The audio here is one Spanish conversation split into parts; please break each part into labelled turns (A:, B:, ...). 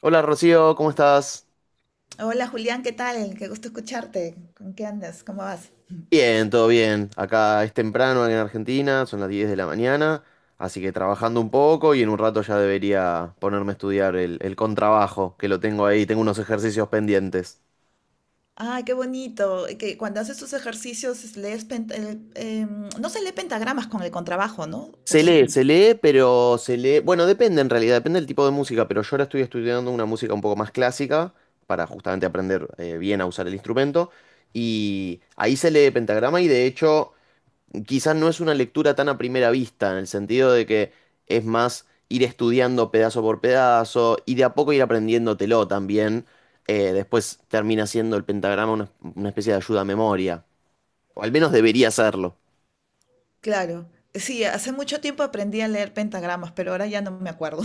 A: Hola Rocío, ¿cómo estás?
B: Hola Julián, ¿qué tal? Qué gusto escucharte. ¿Con qué andas? ¿Cómo vas?
A: Bien, todo bien. Acá es temprano en Argentina, son las 10 de la mañana, así que trabajando un poco y en un rato ya debería ponerme a estudiar el contrabajo, que lo tengo ahí, tengo unos ejercicios pendientes.
B: Ay, qué bonito. Que cuando haces tus ejercicios es- lees pent- el- em, no se lee pentagramas con el contrabajo, ¿no? ¿O sí?
A: Se lee, pero se lee, bueno, depende en realidad, depende del tipo de música, pero yo ahora estoy estudiando una música un poco más clásica para justamente aprender bien a usar el instrumento y ahí se lee pentagrama y de hecho quizás no es una lectura tan a primera vista, en el sentido de que es más ir estudiando pedazo por pedazo y de a poco ir aprendiéndotelo también. Después termina siendo el pentagrama una especie de ayuda a memoria, o al menos debería serlo.
B: Claro. Sí, hace mucho tiempo aprendí a leer pentagramas, pero ahora ya no me acuerdo.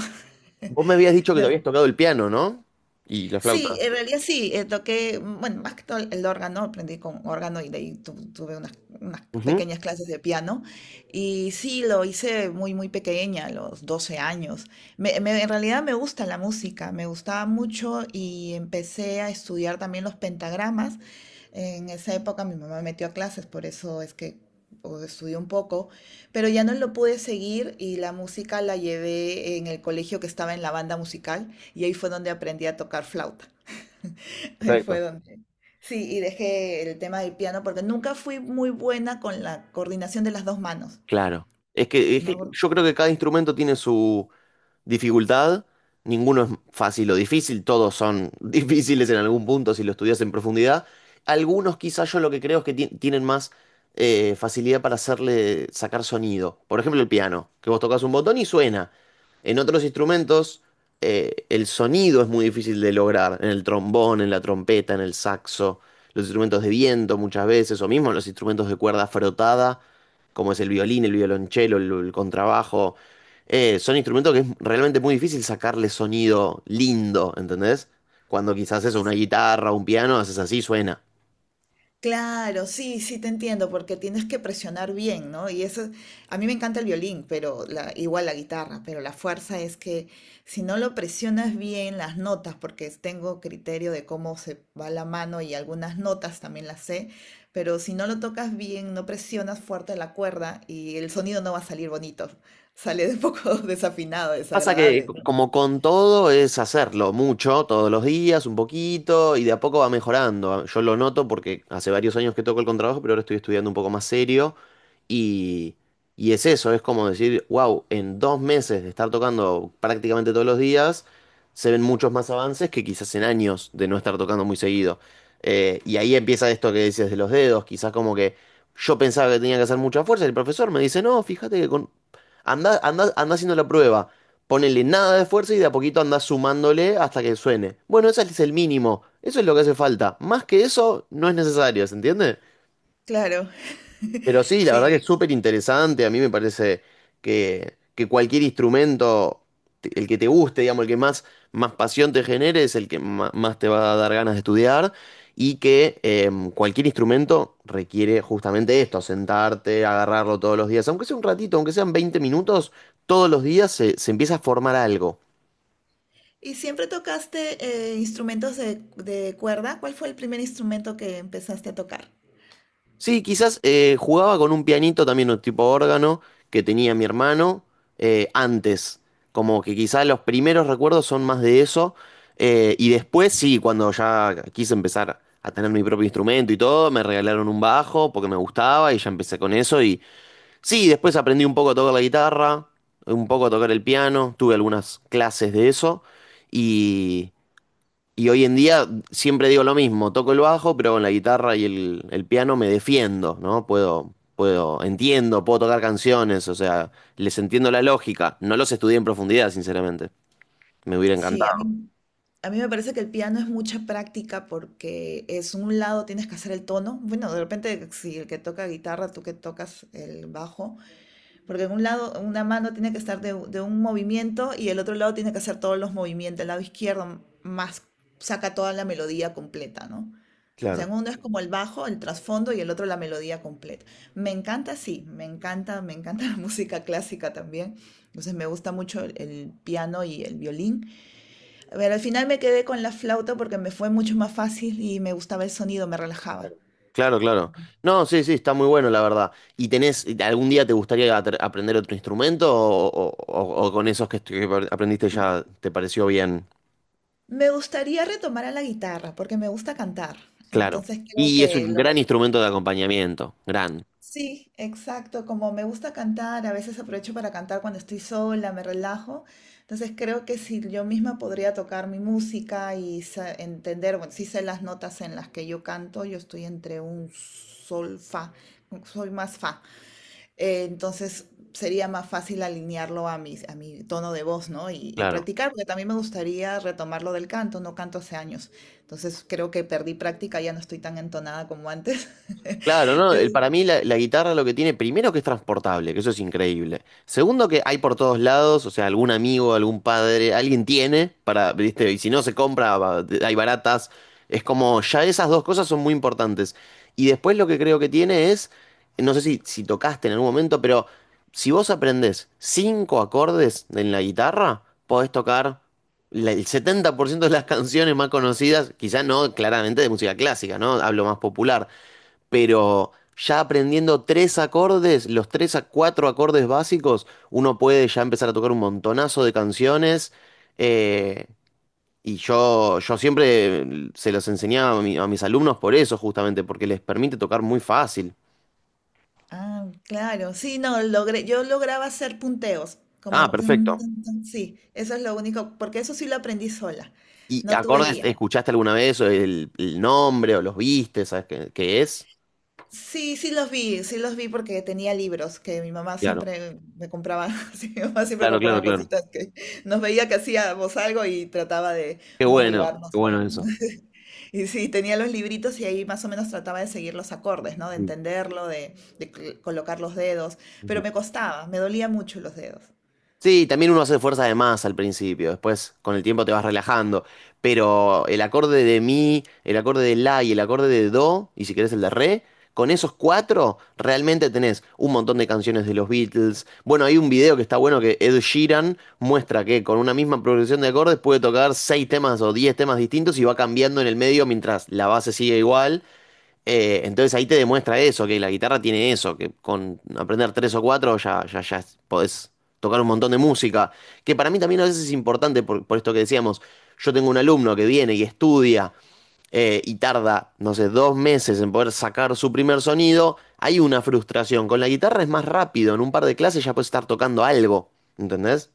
A: Vos me habías dicho que te habías tocado el piano, ¿no? Y la
B: Sí,
A: flauta.
B: en realidad sí, toqué, bueno, más que todo el órgano, aprendí con órgano y de ahí tuve unas, unas
A: Ujú,
B: pequeñas clases de piano y sí, lo hice muy, muy pequeña, a los 12 años. En realidad me gusta la música, me gustaba mucho y empecé a estudiar también los pentagramas. En esa época mi mamá me metió a clases, por eso es que o, estudié un poco, pero ya no lo pude seguir y la música la llevé en el colegio que estaba en la banda musical. Y ahí fue donde aprendí a tocar flauta. Ahí fue
A: perfecto.
B: donde... Sí, y dejé el tema del piano porque nunca fui muy buena con la coordinación de las dos manos,
A: Claro. Es que
B: ¿no?
A: yo creo que cada instrumento tiene su dificultad, ninguno es fácil o difícil, todos son difíciles en algún punto si lo estudias en profundidad. Algunos quizás yo lo que creo es que tienen más facilidad para hacerle sacar sonido. Por ejemplo, el piano, que vos tocas un botón y suena. En otros instrumentos el sonido es muy difícil de lograr, en el trombón, en la trompeta, en el saxo, los instrumentos de viento muchas veces, o mismo los instrumentos de cuerda frotada, como es el violín, el violonchelo, el contrabajo, son instrumentos que es realmente muy difícil sacarle sonido lindo, ¿entendés? Cuando quizás es una guitarra o un piano, haces así, suena.
B: Claro, sí, sí te entiendo, porque tienes que presionar bien, ¿no? Y eso, a mí me encanta el violín, pero la, igual la guitarra, pero la fuerza es que si no lo presionas bien las notas, tengo criterio de cómo se va la mano y algunas notas también las sé, pero si no lo tocas bien, no presionas fuerte la cuerda y el sonido no va a salir bonito, sale un poco desafinado,
A: Pasa que
B: desagradable, ¿no?
A: como con todo es hacerlo mucho, todos los días, un poquito, y de a poco va mejorando. Ah, yo lo noto porque hace varios años que toco el contrabajo, pero ahora estoy estudiando un poco más serio. Y, y es eso, es como decir, wow, en 2 meses de estar tocando prácticamente todos los días, se ven muchos más avances que quizás en años de no estar tocando muy seguido. Y ahí empieza esto que dices de los dedos, quizás como que yo pensaba que tenía que hacer mucha fuerza, y el profesor me dice, no, fíjate que con... Anda, anda, anda haciendo la prueba. Ponele nada de esfuerzo y de a poquito andás sumándole hasta que suene. Bueno, ese es el mínimo. Eso es lo que hace falta. Más que eso, no es necesario, ¿se entiende?
B: Claro,
A: Pero sí, la verdad que es
B: sí,
A: súper interesante. A mí me parece que cualquier instrumento, el que te guste, digamos, el que más, más pasión te genere, es el que más te va a dar ganas de estudiar. Y que cualquier instrumento requiere justamente esto, sentarte, agarrarlo todos los días. Aunque sea un ratito, aunque sean 20 minutos, todos los días se empieza a formar algo.
B: ¿y siempre tocaste instrumentos de cuerda? ¿Cuál fue el primer instrumento que empezaste a tocar?
A: Sí, quizás jugaba con un pianito también, un tipo órgano, que tenía mi hermano, antes. Como que quizás los primeros recuerdos son más de eso. Y después, sí, cuando ya quise empezar a tener mi propio instrumento y todo, me regalaron un bajo porque me gustaba y ya empecé con eso. Y sí, después aprendí un poco a tocar la guitarra, un poco a tocar el piano, tuve algunas clases de eso. Y. Y hoy en día siempre digo lo mismo, toco el bajo, pero con la guitarra y el piano me defiendo, ¿no? Entiendo, puedo tocar canciones, o sea, les entiendo la lógica. No los estudié en profundidad, sinceramente. Me hubiera
B: Sí,
A: encantado.
B: a mí me parece que el piano es mucha práctica porque es un lado tienes que hacer el tono. Bueno, de repente si el que toca guitarra, tú que tocas el bajo, porque en un lado una mano tiene que estar de, de un movimiento y el otro lado tiene que hacer todos los movimientos. El lado izquierdo más saca toda la melodía completa, ¿no? O sea,
A: Claro,
B: uno es como el bajo, el trasfondo y el otro la melodía completa. Me encanta, sí, me encanta la música clásica también. Entonces me gusta mucho el piano y el violín. Pero al final me quedé con la flauta porque me fue mucho más fácil y me gustaba el sonido, me relajaba.
A: claro, claro. No, sí, sí, está muy bueno, la verdad. ¿Y tenés, algún día te gustaría aprender otro instrumento o, o con esos que, que aprendiste ya te pareció bien?
B: Me gustaría retomar a la guitarra porque me gusta cantar.
A: Claro.
B: Entonces creo
A: Y es
B: que
A: un gran
B: lo
A: instrumento de acompañamiento, gran.
B: sí, exacto. Como me gusta cantar, a veces aprovecho para cantar cuando estoy sola, me relajo. Entonces creo que si yo misma podría tocar mi música y entender, bueno, sí sé las notas en las que yo canto, yo estoy entre un sol, fa, soy más fa. Entonces sería más fácil alinearlo a mi tono de voz, ¿no? Y
A: Claro.
B: practicar, porque también me gustaría retomar lo del canto, no canto hace años. Entonces creo que perdí práctica, ya no estoy tan entonada como antes.
A: Claro, no, para mí la guitarra lo que tiene, primero que es transportable, que eso es increíble. Segundo que hay por todos lados, o sea, algún amigo, algún padre, alguien tiene para, viste, y si no se compra, hay baratas. Es como, ya esas dos cosas son muy importantes. Y después lo que creo que tiene es, no sé si tocaste en algún momento, pero si vos aprendés cinco acordes en la guitarra, podés tocar el 70% de las canciones más conocidas, quizás no claramente de música clásica, ¿no? Hablo más popular, pero ya aprendiendo tres acordes, los tres a cuatro acordes básicos, uno puede ya empezar a tocar un montonazo de canciones. eh, y yo siempre se los enseñaba a, a mis alumnos por eso, justamente, porque les permite tocar muy fácil.
B: Ah, claro, sí, no, logré, yo lograba hacer punteos,
A: Ah, ah,
B: como tun,
A: perfecto.
B: tun, tun, sí, eso es lo único, porque eso sí lo aprendí sola,
A: ¿Y
B: no tuve
A: acordes,
B: guía.
A: escuchaste alguna vez o el nombre o los viste? ¿Sabes qué es?
B: Sí, sí los vi porque tenía libros que mi mamá
A: Claro,
B: siempre me compraba, sí, mi mamá siempre
A: claro, claro,
B: compraba
A: claro.
B: cositas que nos veía que hacíamos algo y trataba de
A: Qué claro. Bueno, qué
B: motivarnos
A: bueno eso.
B: y sí, tenía los libritos y ahí más o menos trataba de seguir los acordes, ¿no? De entenderlo, de, colocar los dedos,
A: Mm.
B: pero me costaba, me dolía mucho los dedos.
A: Sí, también uno hace fuerza de más al principio, después con el tiempo te vas relajando, pero el acorde de mi, el acorde de la y el acorde de do, y si querés el de re, con esos cuatro realmente tenés un montón de canciones de los Beatles. Bueno, hay un video que está bueno que Ed Sheeran muestra que con una misma progresión de acordes puede tocar seis temas o 10 temas distintos y va cambiando en el medio mientras la base sigue igual. Entonces ahí te demuestra eso, que la guitarra tiene eso, que con aprender tres o cuatro ya, ya, ya podés tocar un montón de música, que para mí también a veces es importante por esto que decíamos, yo tengo un alumno que viene y estudia y tarda, no sé, 2 meses en poder sacar su primer sonido, hay una frustración, con la guitarra es más rápido, en un par de clases ya puedes estar tocando algo, ¿entendés?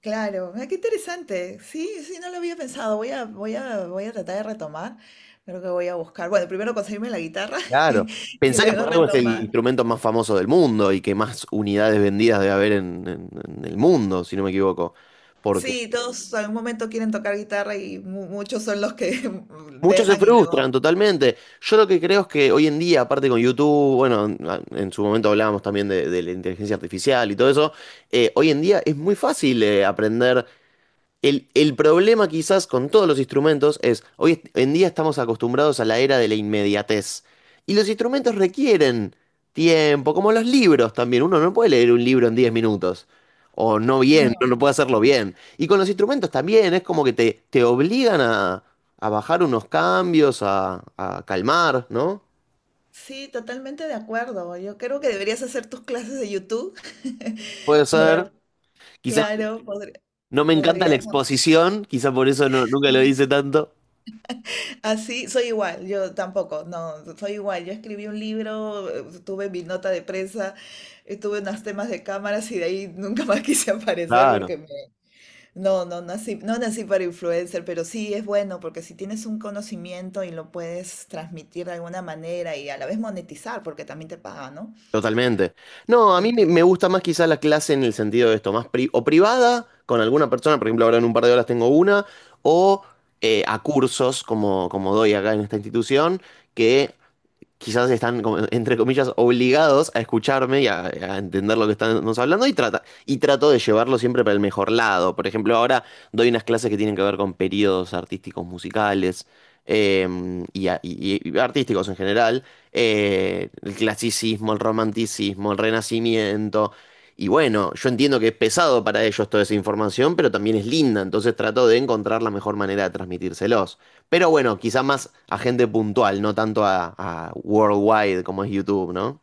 B: Claro, ah, qué interesante. Sí, sí, no lo había pensado. Voy a tratar de retomar. Creo que voy a buscar. Bueno, primero conseguirme la guitarra
A: Claro.
B: y
A: Pensá que
B: luego
A: por algo es el
B: retomar.
A: instrumento más famoso del mundo y que más unidades vendidas debe haber en, en el mundo, si no me equivoco. Porque
B: Sí, todos en un momento quieren tocar guitarra y muchos son los que
A: muchos se
B: dejan y
A: frustran
B: luego.
A: totalmente. Yo lo que creo es que hoy en día, aparte con YouTube, bueno, en su momento hablábamos también de la inteligencia artificial y todo eso, hoy en día es muy fácil aprender. El problema quizás con todos los instrumentos es, hoy en día estamos acostumbrados a la era de la inmediatez. Y los instrumentos requieren tiempo, como los libros también. Uno no puede leer un libro en 10 minutos. O no bien, no,
B: No.
A: no puede hacerlo bien. Y con los instrumentos también, es como que te obligan a bajar unos cambios, a calmar, ¿no?
B: Sí, totalmente de acuerdo. Yo creo que deberías hacer tus clases de YouTube
A: Puede
B: o
A: ser.
B: dar,
A: Quizás
B: claro, podría,
A: no me encanta la
B: podrías. ¿No?
A: exposición, quizás por eso nunca lo hice tanto.
B: Así, soy igual, yo tampoco, no, soy igual. Yo escribí un libro, tuve mi nota de prensa, tuve unos temas de cámaras y de ahí nunca más quise aparecer
A: Claro.
B: porque me... No, no nací, no nací para influencer, pero sí es bueno porque si tienes un conocimiento y lo puedes transmitir de alguna manera y a la vez monetizar, porque también te pagan, ¿no?
A: Totalmente. No, a mí me
B: Porque
A: me gusta más quizás la clase en el sentido de esto, más o privada con alguna persona, por ejemplo, ahora en un par de horas tengo una, o a cursos como, como doy acá en esta institución, que quizás están, como, entre comillas, obligados a escucharme y a entender lo que estamos hablando y, y trato de llevarlo siempre para el mejor lado. Por ejemplo, ahora doy unas clases que tienen que ver con periodos artísticos musicales eh, y, y artísticos en general, el clasicismo, el romanticismo, el renacimiento. Y bueno, yo entiendo que es pesado para ellos toda esa información, pero también es linda, entonces trato de encontrar la mejor manera de transmitírselos. Pero bueno, quizá más a gente puntual, no tanto a worldwide como es YouTube, ¿no?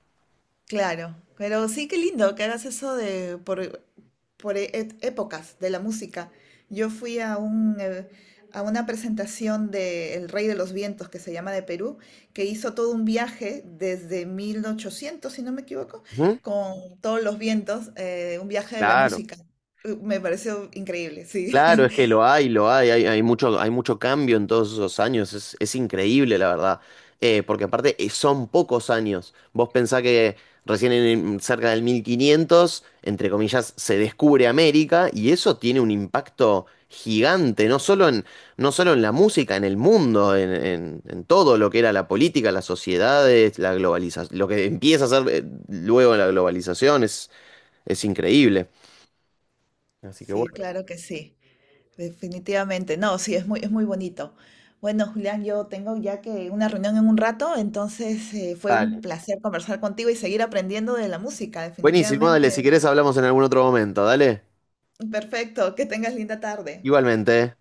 B: claro, pero sí, qué lindo que hagas eso de por, épocas de la música. Yo fui a un, a una presentación de El Rey de los Vientos, que se llama de Perú, que hizo todo un viaje desde 1800 si no me equivoco,
A: Ujú.
B: con todos los vientos, un viaje de la
A: Claro.
B: música. Me pareció increíble, sí.
A: Claro, es que lo hay, hay, hay mucho cambio en todos esos años, es increíble la verdad. Porque aparte son pocos años, vos pensás que recién en, cerca del 1500, entre comillas, se descubre América y eso tiene un impacto gigante, no solo en, no solo en la música, en el mundo, en, en todo lo que era la política, las sociedades, la globalización, lo que empieza a ser luego la globalización es increíble. Así que bueno,
B: Sí, claro que sí. Definitivamente, no, sí, es muy bonito. Bueno, Julián, yo tengo ya que una reunión en un rato, entonces fue un
A: dale.
B: placer conversar contigo y seguir aprendiendo de la música,
A: Buenísimo,
B: definitivamente.
A: dale, si querés hablamos en algún otro momento, dale.
B: Perfecto, que tengas linda tarde.
A: Igualmente.